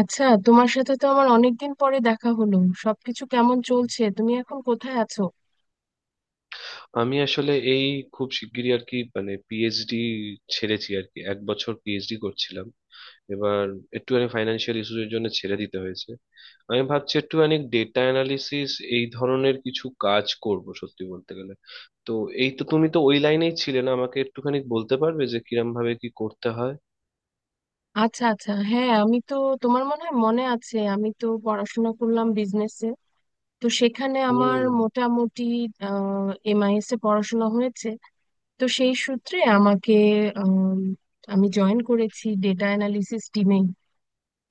আচ্ছা, তোমার সাথে তো আমার অনেকদিন পরে দেখা হলো। সবকিছু কেমন চলছে? তুমি এখন কোথায় আছো? আমি আসলে এই খুব শিগগিরই আর কি মানে পিএইচডি ছেড়েছি আর কি, এক বছর পিএইচডি করছিলাম। এবার একটুখানি ফাইন্যান্সিয়াল ইস্যুস এর জন্য ছেড়ে দিতে হয়েছে। আমি ভাবছি একটুখানি ডেটা অ্যানালিসিস এই ধরনের কিছু কাজ করব সত্যি বলতে গেলে। তো এই তো, তুমি তো ওই লাইনেই ছিলে না, আমাকে একটুখানি বলতে পারবে যে কিরম ভাবে কি করতে হয়? আচ্ছা আচ্ছা, হ্যাঁ। আমি তো তোমার মনে হয় মনে আছে, আমি তো পড়াশোনা করলাম বিজনেসে। তো সেখানে আমার হুম, মোটামুটি এমআইএস এ পড়াশোনা হয়েছে। তো সেই সূত্রে আমাকে আম, আমি জয়েন করেছি ডেটা অ্যানালিসিস টিমে।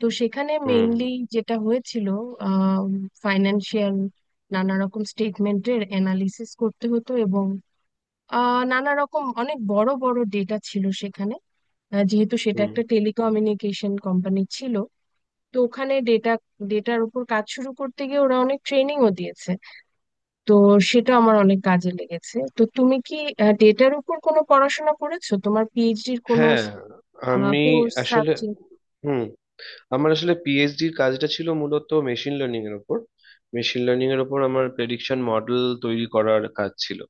তো সেখানে হুম, মেইনলি যেটা হয়েছিল, ফাইন্যান্সিয়াল নানা রকম স্টেটমেন্টের অ্যানালিসিস করতে হতো, এবং নানা রকম অনেক বড় বড় ডেটা ছিল সেখানে, যেহেতু সেটা হুম। একটা টেলিকমিউনিকেশন কোম্পানি ছিল। তো ওখানে ডেটার উপর কাজ শুরু করতে গিয়ে ওরা অনেক ট্রেনিংও দিয়েছে। তো সেটা আমার অনেক কাজে লেগেছে। তো তুমি কি ডেটার উপর কোনো পড়াশোনা করেছো? তোমার পিএইচডির কোনো হ্যাঁ, আমি কোর্স আসলে, সাবজেক্ট? হুম, আমার আসলে পিএইচডির কাজটা ছিল মূলত মেশিন লার্নিং এর উপর। মেশিন লার্নিং এর উপর আমার প্রেডিকশন মডেল তৈরি করার কাজ ছিল।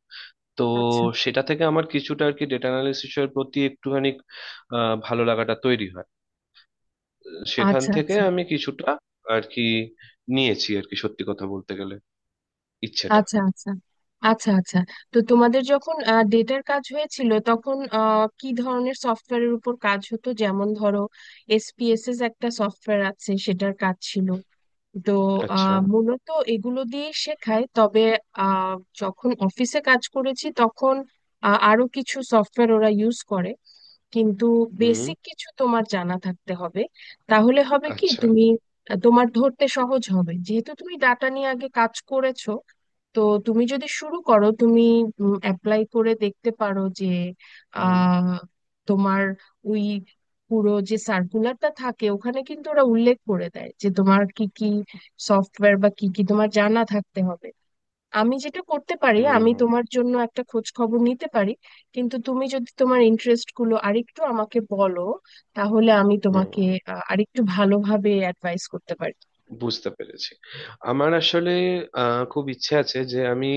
তো আচ্ছা সেটা থেকে আমার কিছুটা আর কি ডেটা অ্যানালিসিস এর প্রতি একটুখানি ভালো লাগাটা তৈরি হয়। সেখান আচ্ছা থেকে আচ্ছা। আমি কিছুটা আর কি নিয়েছি আর কি, সত্যি কথা বলতে গেলে ইচ্ছেটা। আচ্ছা আচ্ছা আচ্ছা আচ্ছা। তো তোমাদের যখন ডেটার কাজ হয়েছিল তখন কি ধরনের সফটওয়্যারের উপর কাজ হতো? যেমন ধরো, এসপিএসএস একটা সফটওয়্যার আছে, সেটার কাজ ছিল। তো আচ্ছা। মূলত এগুলো দিয়ে শেখায়, তবে আহ, যখন অফিসে কাজ করেছি তখন আরো কিছু সফটওয়্যার ওরা ইউজ করে। কিন্তু হুম। বেসিক কিছু তোমার জানা থাকতে হবে, তাহলে হবে কি আচ্ছা। তুমি, তোমার ধরতে সহজ হবে যেহেতু তুমি ডাটা নিয়ে আগে কাজ করেছো। তো তুমি যদি শুরু করো, তুমি অ্যাপ্লাই করে দেখতে পারো যে হুম, আহ তোমার ওই পুরো যে সার্কুলারটা থাকে ওখানে কিন্তু ওরা উল্লেখ করে দেয় যে তোমার কি কি সফটওয়্যার বা কি কি তোমার জানা থাকতে হবে। আমি যেটা করতে পারি, আমি হুম, তোমার জন্য একটা খোঁজ খবর নিতে পারি, কিন্তু তুমি যদি তোমার ইন্টারেস্ট গুলো আরেকটু আমাকে বলো, তাহলে আমি তোমাকে হুম। আরেকটু ভালোভাবে অ্যাডভাইস করতে পারি। বুঝতে পেরেছি। আমার আসলে খুব ইচ্ছে আছে যে আমি,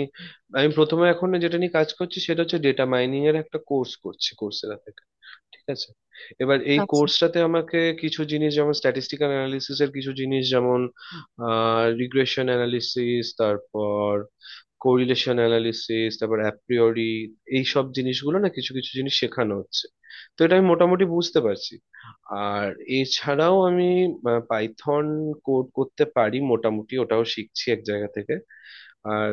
আমি প্রথমে এখন যেটা নিয়ে কাজ করছি সেটা হচ্ছে ডেটা মাইনিং এর একটা কোর্স করছি কোর্সেরা। ঠিক আছে। এবার এই আচ্ছা কোর্সটাতে আমাকে কিছু জিনিস যেমন স্ট্যাটিস্টিক্যাল অ্যানালিসিস এর কিছু জিনিস, যেমন রিগ্রেশন অ্যানালিসিস, তারপর কোরিলেশন অ্যানালিসিস, তারপর অ্যাপ্রিওরি, এই সব জিনিসগুলো না কিছু কিছু জিনিস শেখানো হচ্ছে। তো এটা আমি মোটামুটি বুঝতে পারছি। আর এছাড়াও আমি পাইথন কোড করতে পারি মোটামুটি, ওটাও শিখছি এক জায়গা থেকে। আর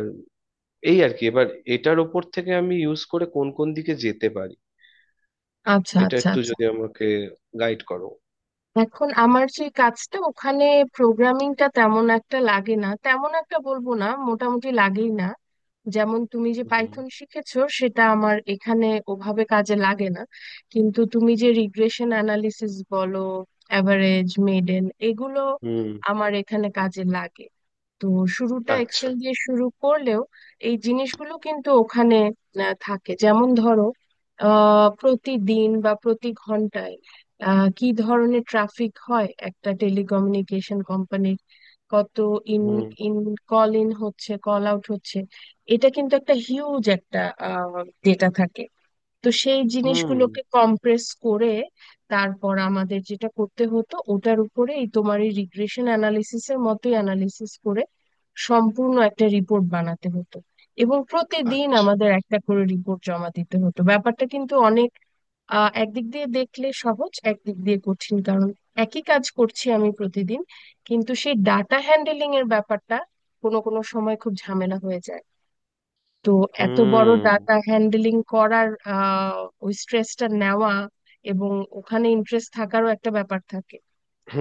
এই আর কি, এবার এটার ওপর থেকে আমি ইউজ করে কোন কোন দিকে যেতে পারি, আচ্ছা এটা আচ্ছা একটু আচ্ছা। যদি আমাকে গাইড করো। এখন আমার যে কাজটা ওখানে, প্রোগ্রামিংটা তেমন একটা লাগে না, তেমন একটা বলবো না, মোটামুটি লাগেই না। যেমন তুমি যে হুম, পাইথন শিখেছো সেটা আমার এখানে ওভাবে কাজে লাগে না। কিন্তু তুমি যে রিগ্রেশন অ্যানালিসিস বলো, অ্যাভারেজ মেডেন, এগুলো হুম। আমার এখানে কাজে লাগে। তো শুরুটা আচ্ছা। এক্সেল দিয়ে শুরু করলেও এই জিনিসগুলো কিন্তু ওখানে থাকে। যেমন ধরো, প্রতিদিন বা প্রতি ঘন্টায় কি ধরনের ট্রাফিক হয় একটা টেলিকমিউনিকেশন কোম্পানির, কত in hmm, in call in হচ্ছে, কল আউট হচ্ছে, এটা কিন্তু একটা হিউজ একটা ডেটা থাকে। তো সেই হুম। জিনিসগুলোকে কম্প্রেস করে তারপর আমাদের যেটা করতে হতো, ওটার উপরে এই তোমার এই রিগ্রেশন অ্যানালিসিসের মতোই অ্যানালিসিস করে সম্পূর্ণ একটা রিপোর্ট বানাতে হতো। এবং প্রতিদিন আচ্ছা। আমাদের একটা করে রিপোর্ট জমা দিতে হতো। ব্যাপারটা কিন্তু অনেক, একদিক দিয়ে দেখলে সহজ, একদিক দিয়ে কঠিন। কারণ একই কাজ করছি আমি প্রতিদিন, কিন্তু সেই ডাটা হ্যান্ডেলিং এর ব্যাপারটা কোনো কোনো সময় খুব ঝামেলা হয়ে যায়। তো এত বড় হুম, ডাটা হ্যান্ডলিং করার ওই স্ট্রেসটা নেওয়া, এবং ওখানে ইন্টারেস্ট থাকারও একটা ব্যাপার থাকে।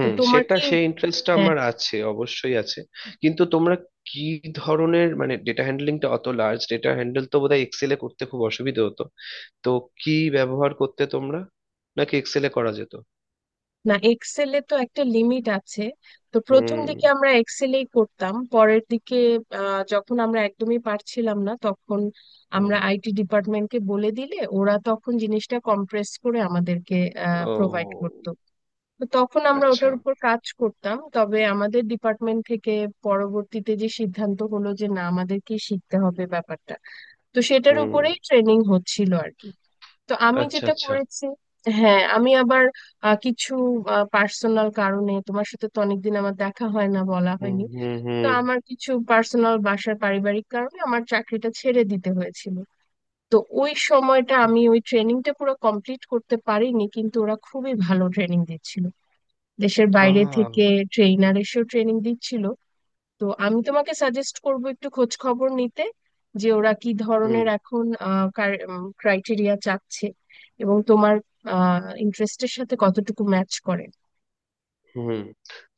তো তোমার সেটা কি, সেই ইন্টারেস্টটা হ্যাঁ। আমার আছে, অবশ্যই আছে। কিন্তু তোমরা কি ধরনের, মানে ডেটা হ্যান্ডলিংটা, অত লার্জ ডেটা হ্যান্ডেল তো বোধহয় এক্সেলে করতে খুব অসুবিধা হতো। তো কি ব্যবহার করতে তোমরা, নাকি এক্সেলে করা যেত? না, এক্সেলে তো একটা লিমিট আছে। তো প্রথম হুম, দিকে আমরা এক্সেলেই করতাম, পরের দিকে যখন আমরা একদমই পারছিলাম না, তখন আমরা হুম। আইটি ডিপার্টমেন্টকে বলে দিলে ওরা তখন জিনিসটা কম্প্রেস করে আমাদেরকে প্রোভাইড ও করতো। তো তখন আমরা আচ্ছা। ওটার উপর কাজ করতাম। তবে আমাদের ডিপার্টমেন্ট থেকে পরবর্তীতে যে সিদ্ধান্ত হলো যে না, আমাদেরকে শিখতে হবে ব্যাপারটা, তো সেটার হুম। উপরেই ট্রেনিং হচ্ছিল আর কি। তো আমি আচ্ছা, যেটা আচ্ছা। করেছি, হ্যাঁ আমি আবার কিছু পার্সোনাল কারণে, তোমার সাথে তো অনেকদিন আমার দেখা হয় না, বলা হুম, হয়নি। হুম, তো হুম। আমার কিছু পার্সোনাল বাসার পারিবারিক কারণে আমার চাকরিটা ছেড়ে দিতে হয়েছিল। তো ওই সময়টা আমি ওই ট্রেনিংটা পুরো কমপ্লিট করতে পারিনি। কিন্তু ওরা খুবই ভালো ট্রেনিং দিচ্ছিল, দেশের বাইরে আহ, থেকে ট্রেইনার এসেও ট্রেনিং দিচ্ছিল। তো আমি তোমাকে সাজেস্ট করব একটু খোঁজ খবর নিতে যে ওরা কি হুম, ধরনের এখন ক্রাইটেরিয়া চাচ্ছে, এবং তোমার ইন্টারেস্টের সাথে কতটুকু ম্যাচ করে। হুম,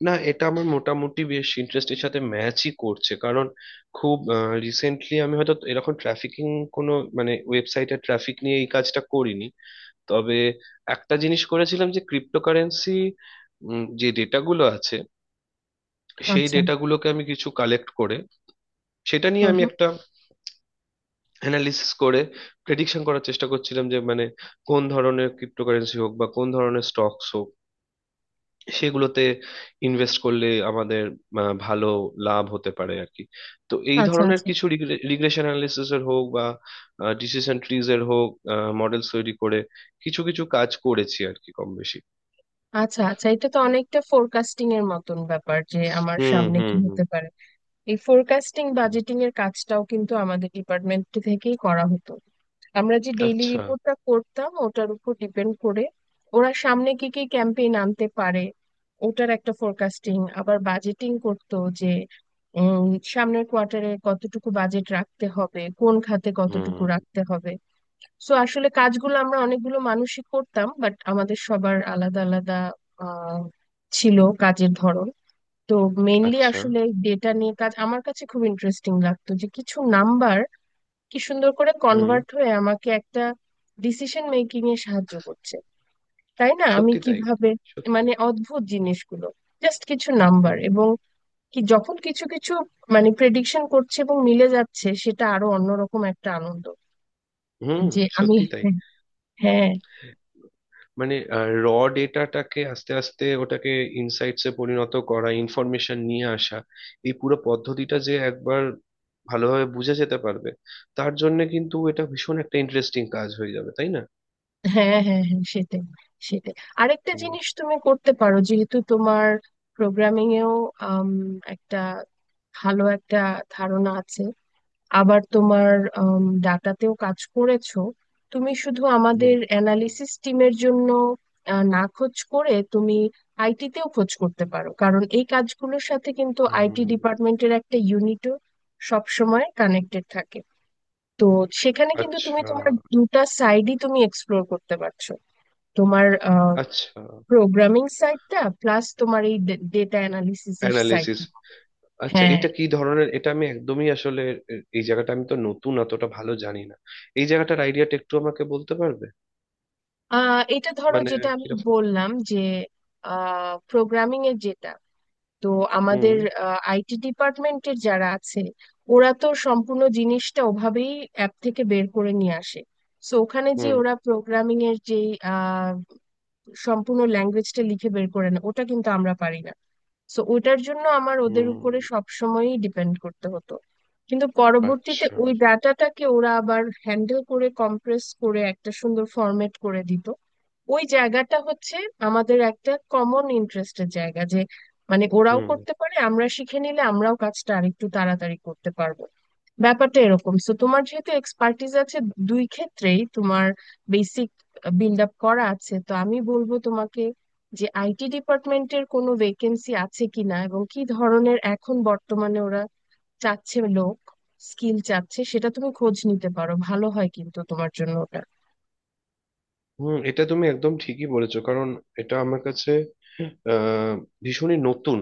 না এটা আমার মোটামুটি বেশ ইন্টারেস্টের সাথে ম্যাচই করছে কারণ খুব রিসেন্টলি আমি হয়তো এরকম ট্রাফিকিং কোনো, মানে ওয়েবসাইটে ট্রাফিক নিয়ে এই কাজটা করিনি। তবে একটা জিনিস করেছিলাম যে ক্রিপ্টোকারেন্সি যে ডেটাগুলো আছে সেই আচ্ছা। ডেটাগুলোকে আমি কিছু কালেক্ট করে সেটা নিয়ে হুম আমি হুম। একটা অ্যানালিসিস করে প্রেডিকশন করার চেষ্টা করছিলাম যে, মানে কোন ধরনের ক্রিপ্টোকারেন্সি হোক বা কোন ধরনের স্টকস হোক সেগুলোতে ইনভেস্ট করলে আমাদের ভালো লাভ হতে পারে আর কি। তো এই আচ্ছা ধরনের আচ্ছা কিছু রিগ্রেশন অ্যানালিসিস এর হোক বা ডিসিশন ট্রিজ এর হোক মডেলস তৈরি করে কিছু কিছু কাজ করেছি আর কি, কম বেশি। আচ্ছা। আচ্ছা, এটা তো অনেকটা ফোরকাস্টিং এর মতন ব্যাপার, যে আমার হুম, সামনে হুম, কি হুম। হতে পারে। এই ফোরকাস্টিং হুম। বাজেটিং এর কাজটাও কিন্তু আমাদের ডিপার্টমেন্ট থেকেই করা হতো। আমরা যে ডেইলি আচ্ছা। রিপোর্টটা করতাম ওটার উপর ডিপেন্ড করে ওরা সামনে কি কি ক্যাম্পেইন আনতে পারে ওটার একটা ফোরকাস্টিং আবার বাজেটিং করতো যে উম, সামনের কোয়ার্টারে কতটুকু বাজেট রাখতে হবে, কোন খাতে কতটুকু হুম। রাখতে হবে। সো আসলে কাজগুলো আমরা অনেকগুলো মানুষই করতাম, বাট আমাদের সবার আলাদা আলাদা আহ ছিল কাজের ধরন। তো মেইনলি আচ্ছা। আসলে ডেটা নিয়ে কাজ আমার কাছে খুব ইন্টারেস্টিং লাগতো, যে কিছু নাম্বার কি সুন্দর করে হুম। কনভার্ট হয়ে আমাকে একটা ডিসিশন মেকিং এ সাহায্য করছে। তাই না? আমি সত্যি তাই, কিভাবে, সত্যি। মানে অদ্ভুত জিনিসগুলো, জাস্ট কিছু নাম্বার, হুম, এবং কি যখন কিছু কিছু মানে প্রেডিকশন করছে এবং মিলে যাচ্ছে, সেটা আরো অন্যরকম একটা আনন্দ হুম, যে আমি। সত্যি হ্যাঁ, হ্যাঁ। তাই। মানে র ডেটাটাকে আস্তে আস্তে ওটাকে ইনসাইটসে পরিণত করা, ইনফরমেশন নিয়ে আসা, এই পুরো পদ্ধতিটা যে একবার ভালোভাবে বুঝে যেতে পারবে, তার জন্য কিন্তু এটা ভীষণ একটা ইন্টারেস্টিং কাজ হয়ে যাবে, তাই না? হ্যাঁ হ্যাঁ হ্যাঁ, সেটাই সেটাই। আরেকটা হুম, জিনিস তুমি করতে পারো, যেহেতু তোমার প্রোগ্রামিং এও আম, একটা ভালো একটা ধারণা আছে, আবার তোমার ডাটাতেও কাজ করেছো। তুমি শুধু হুম, আমাদের অ্যানালিসিস টিমের জন্য না খোঁজ করে তুমি আইটি তেও খোঁজ করতে পারো, কারণ এই কাজগুলোর সাথে কিন্তু আইটি হুম। ডিপার্টমেন্টের একটা ইউনিটও সবসময় কানেক্টেড থাকে। তো সেখানে কিন্তু তুমি আচ্ছা, তোমার দুটা সাইডই তুমি এক্সপ্লোর করতে পারছো। তোমার আচ্ছা। প্রোগ্রামিং সাইডটা প্লাস তোমার এই ডেটা অ্যানালিসিস এর অ্যানালিসিস। সাইডটা। আচ্ছা হ্যাঁ, এটা কি ধরনের, এটা আমি একদমই আসলে, এই জায়গাটা আমি তো নতুন, অতটা ভালো জানি না। এই জায়গাটার আইডিয়াটা একটু আমাকে বলতে পারবে, এটা ধরো, মানে যেটা আমি কিরকম? বললাম যে প্রোগ্রামিং এর যেটা, তো আমাদের হুম, আইটি ডিপার্টমেন্টের যারা আছে, ওরা তো সম্পূর্ণ জিনিসটা ওভাবেই অ্যাপ থেকে বের করে নিয়ে আসে। সো ওখানে যে হুম, ওরা প্রোগ্রামিং এর যে আহ, সম্পূর্ণ ল্যাঙ্গুয়েজটা লিখে বের করে, না, ওটা কিন্তু আমরা পারি না। সো ওটার জন্য আমার ওদের হুম। উপরে সব সময়ই ডিপেন্ড করতে হতো। কিন্তু পরবর্তীতে আচ্ছা। ওই ডাটাটাকে ওরা আবার হ্যান্ডেল করে, কম্প্রেস করে একটা সুন্দর ফরম্যাট করে দিত। ওই জায়গাটা হচ্ছে আমাদের একটা কমন ইন্টারেস্টের জায়গা, যে মানে ওরাও হুম, করতে পারে, আমরা শিখে নিলে আমরাও কাজটা আরেকটু তাড়াতাড়ি করতে পারবো। ব্যাপারটা এরকম। সো তোমার যেহেতু এক্সপার্টিস আছে দুই ক্ষেত্রেই, তোমার বেসিক বিল্ড আপ করা আছে, তো আমি বলবো তোমাকে যে আইটি ডিপার্টমেন্টের কোনো ভেকেন্সি আছে কিনা, এবং কি ধরনের এখন বর্তমানে ওরা চাচ্ছে, লোক স্কিল চাচ্ছে, সেটা তুমি খোঁজ নিতে পারো, ভালো হয় কিন্তু তোমার জন্য ওটা। হুম, এটা তুমি একদম ঠিকই বলেছো কারণ এটা আমার কাছে আহ ভীষণই নতুন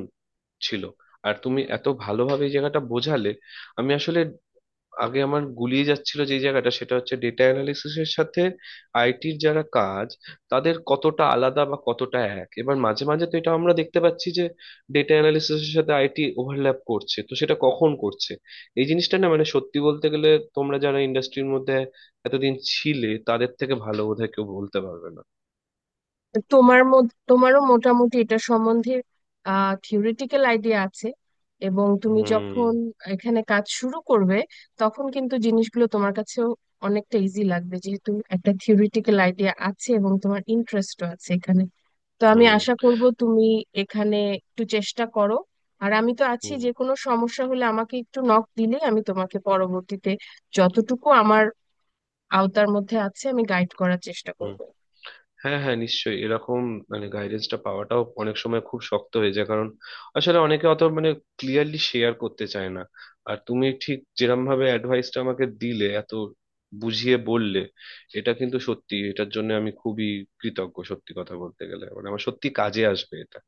ছিল। আর তুমি এত ভালোভাবে এই জায়গাটা বোঝালে আমি আসলে, আগে আমার গুলিয়ে যাচ্ছিল যে জায়গাটা, সেটা হচ্ছে ডেটা অ্যানালিসিসের সাথে আইটির যারা কাজ তাদের কতটা আলাদা বা কতটা এক। এবার মাঝে মাঝে তো এটা আমরা দেখতে পাচ্ছি যে ডেটা অ্যানালিসিসের সাথে আইটি ওভারল্যাপ করছে, তো সেটা কখন করছে এই জিনিসটা না, মানে সত্যি বলতে গেলে তোমরা যারা ইন্ডাস্ট্রির মধ্যে এতদিন ছিলে তাদের থেকে ভালো বোধহয় কেউ বলতে পারবে না। তোমার মধ্যে, তোমারও মোটামুটি এটা সম্বন্ধে থিওরিটিক্যাল আইডিয়া আছে, এবং তুমি হুম, যখন এখানে কাজ শুরু করবে, তখন কিন্তু জিনিসগুলো তোমার কাছেও অনেকটা ইজি লাগবে, যেহেতু একটা থিওরিটিক্যাল আইডিয়া আছে এবং তোমার ইন্টারেস্টও আছে এখানে। তো আমি হুম, আশা করব তুমি এখানে একটু চেষ্টা করো। আর আমি তো আছি, হুম, যে কোনো সমস্যা হলে আমাকে একটু নক দিলে আমি তোমাকে পরবর্তীতে যতটুকু আমার আওতার মধ্যে আছে আমি গাইড করার চেষ্টা হুম। করব। হ্যাঁ, হ্যাঁ, নিশ্চয়ই। এরকম, মানে গাইডেন্সটা পাওয়াটাও অনেক সময় খুব শক্ত হয়ে যায় কারণ আসলে অনেকে অত, মানে ক্লিয়ারলি শেয়ার করতে চায় না। আর তুমি ঠিক যেরকম ভাবে অ্যাডভাইসটা আমাকে দিলে, এত বুঝিয়ে বললে, এটা কিন্তু সত্যি, এটার জন্য আমি খুবই কৃতজ্ঞ সত্যি কথা বলতে গেলে, মানে আমার সত্যি কাজে আসবে এটা।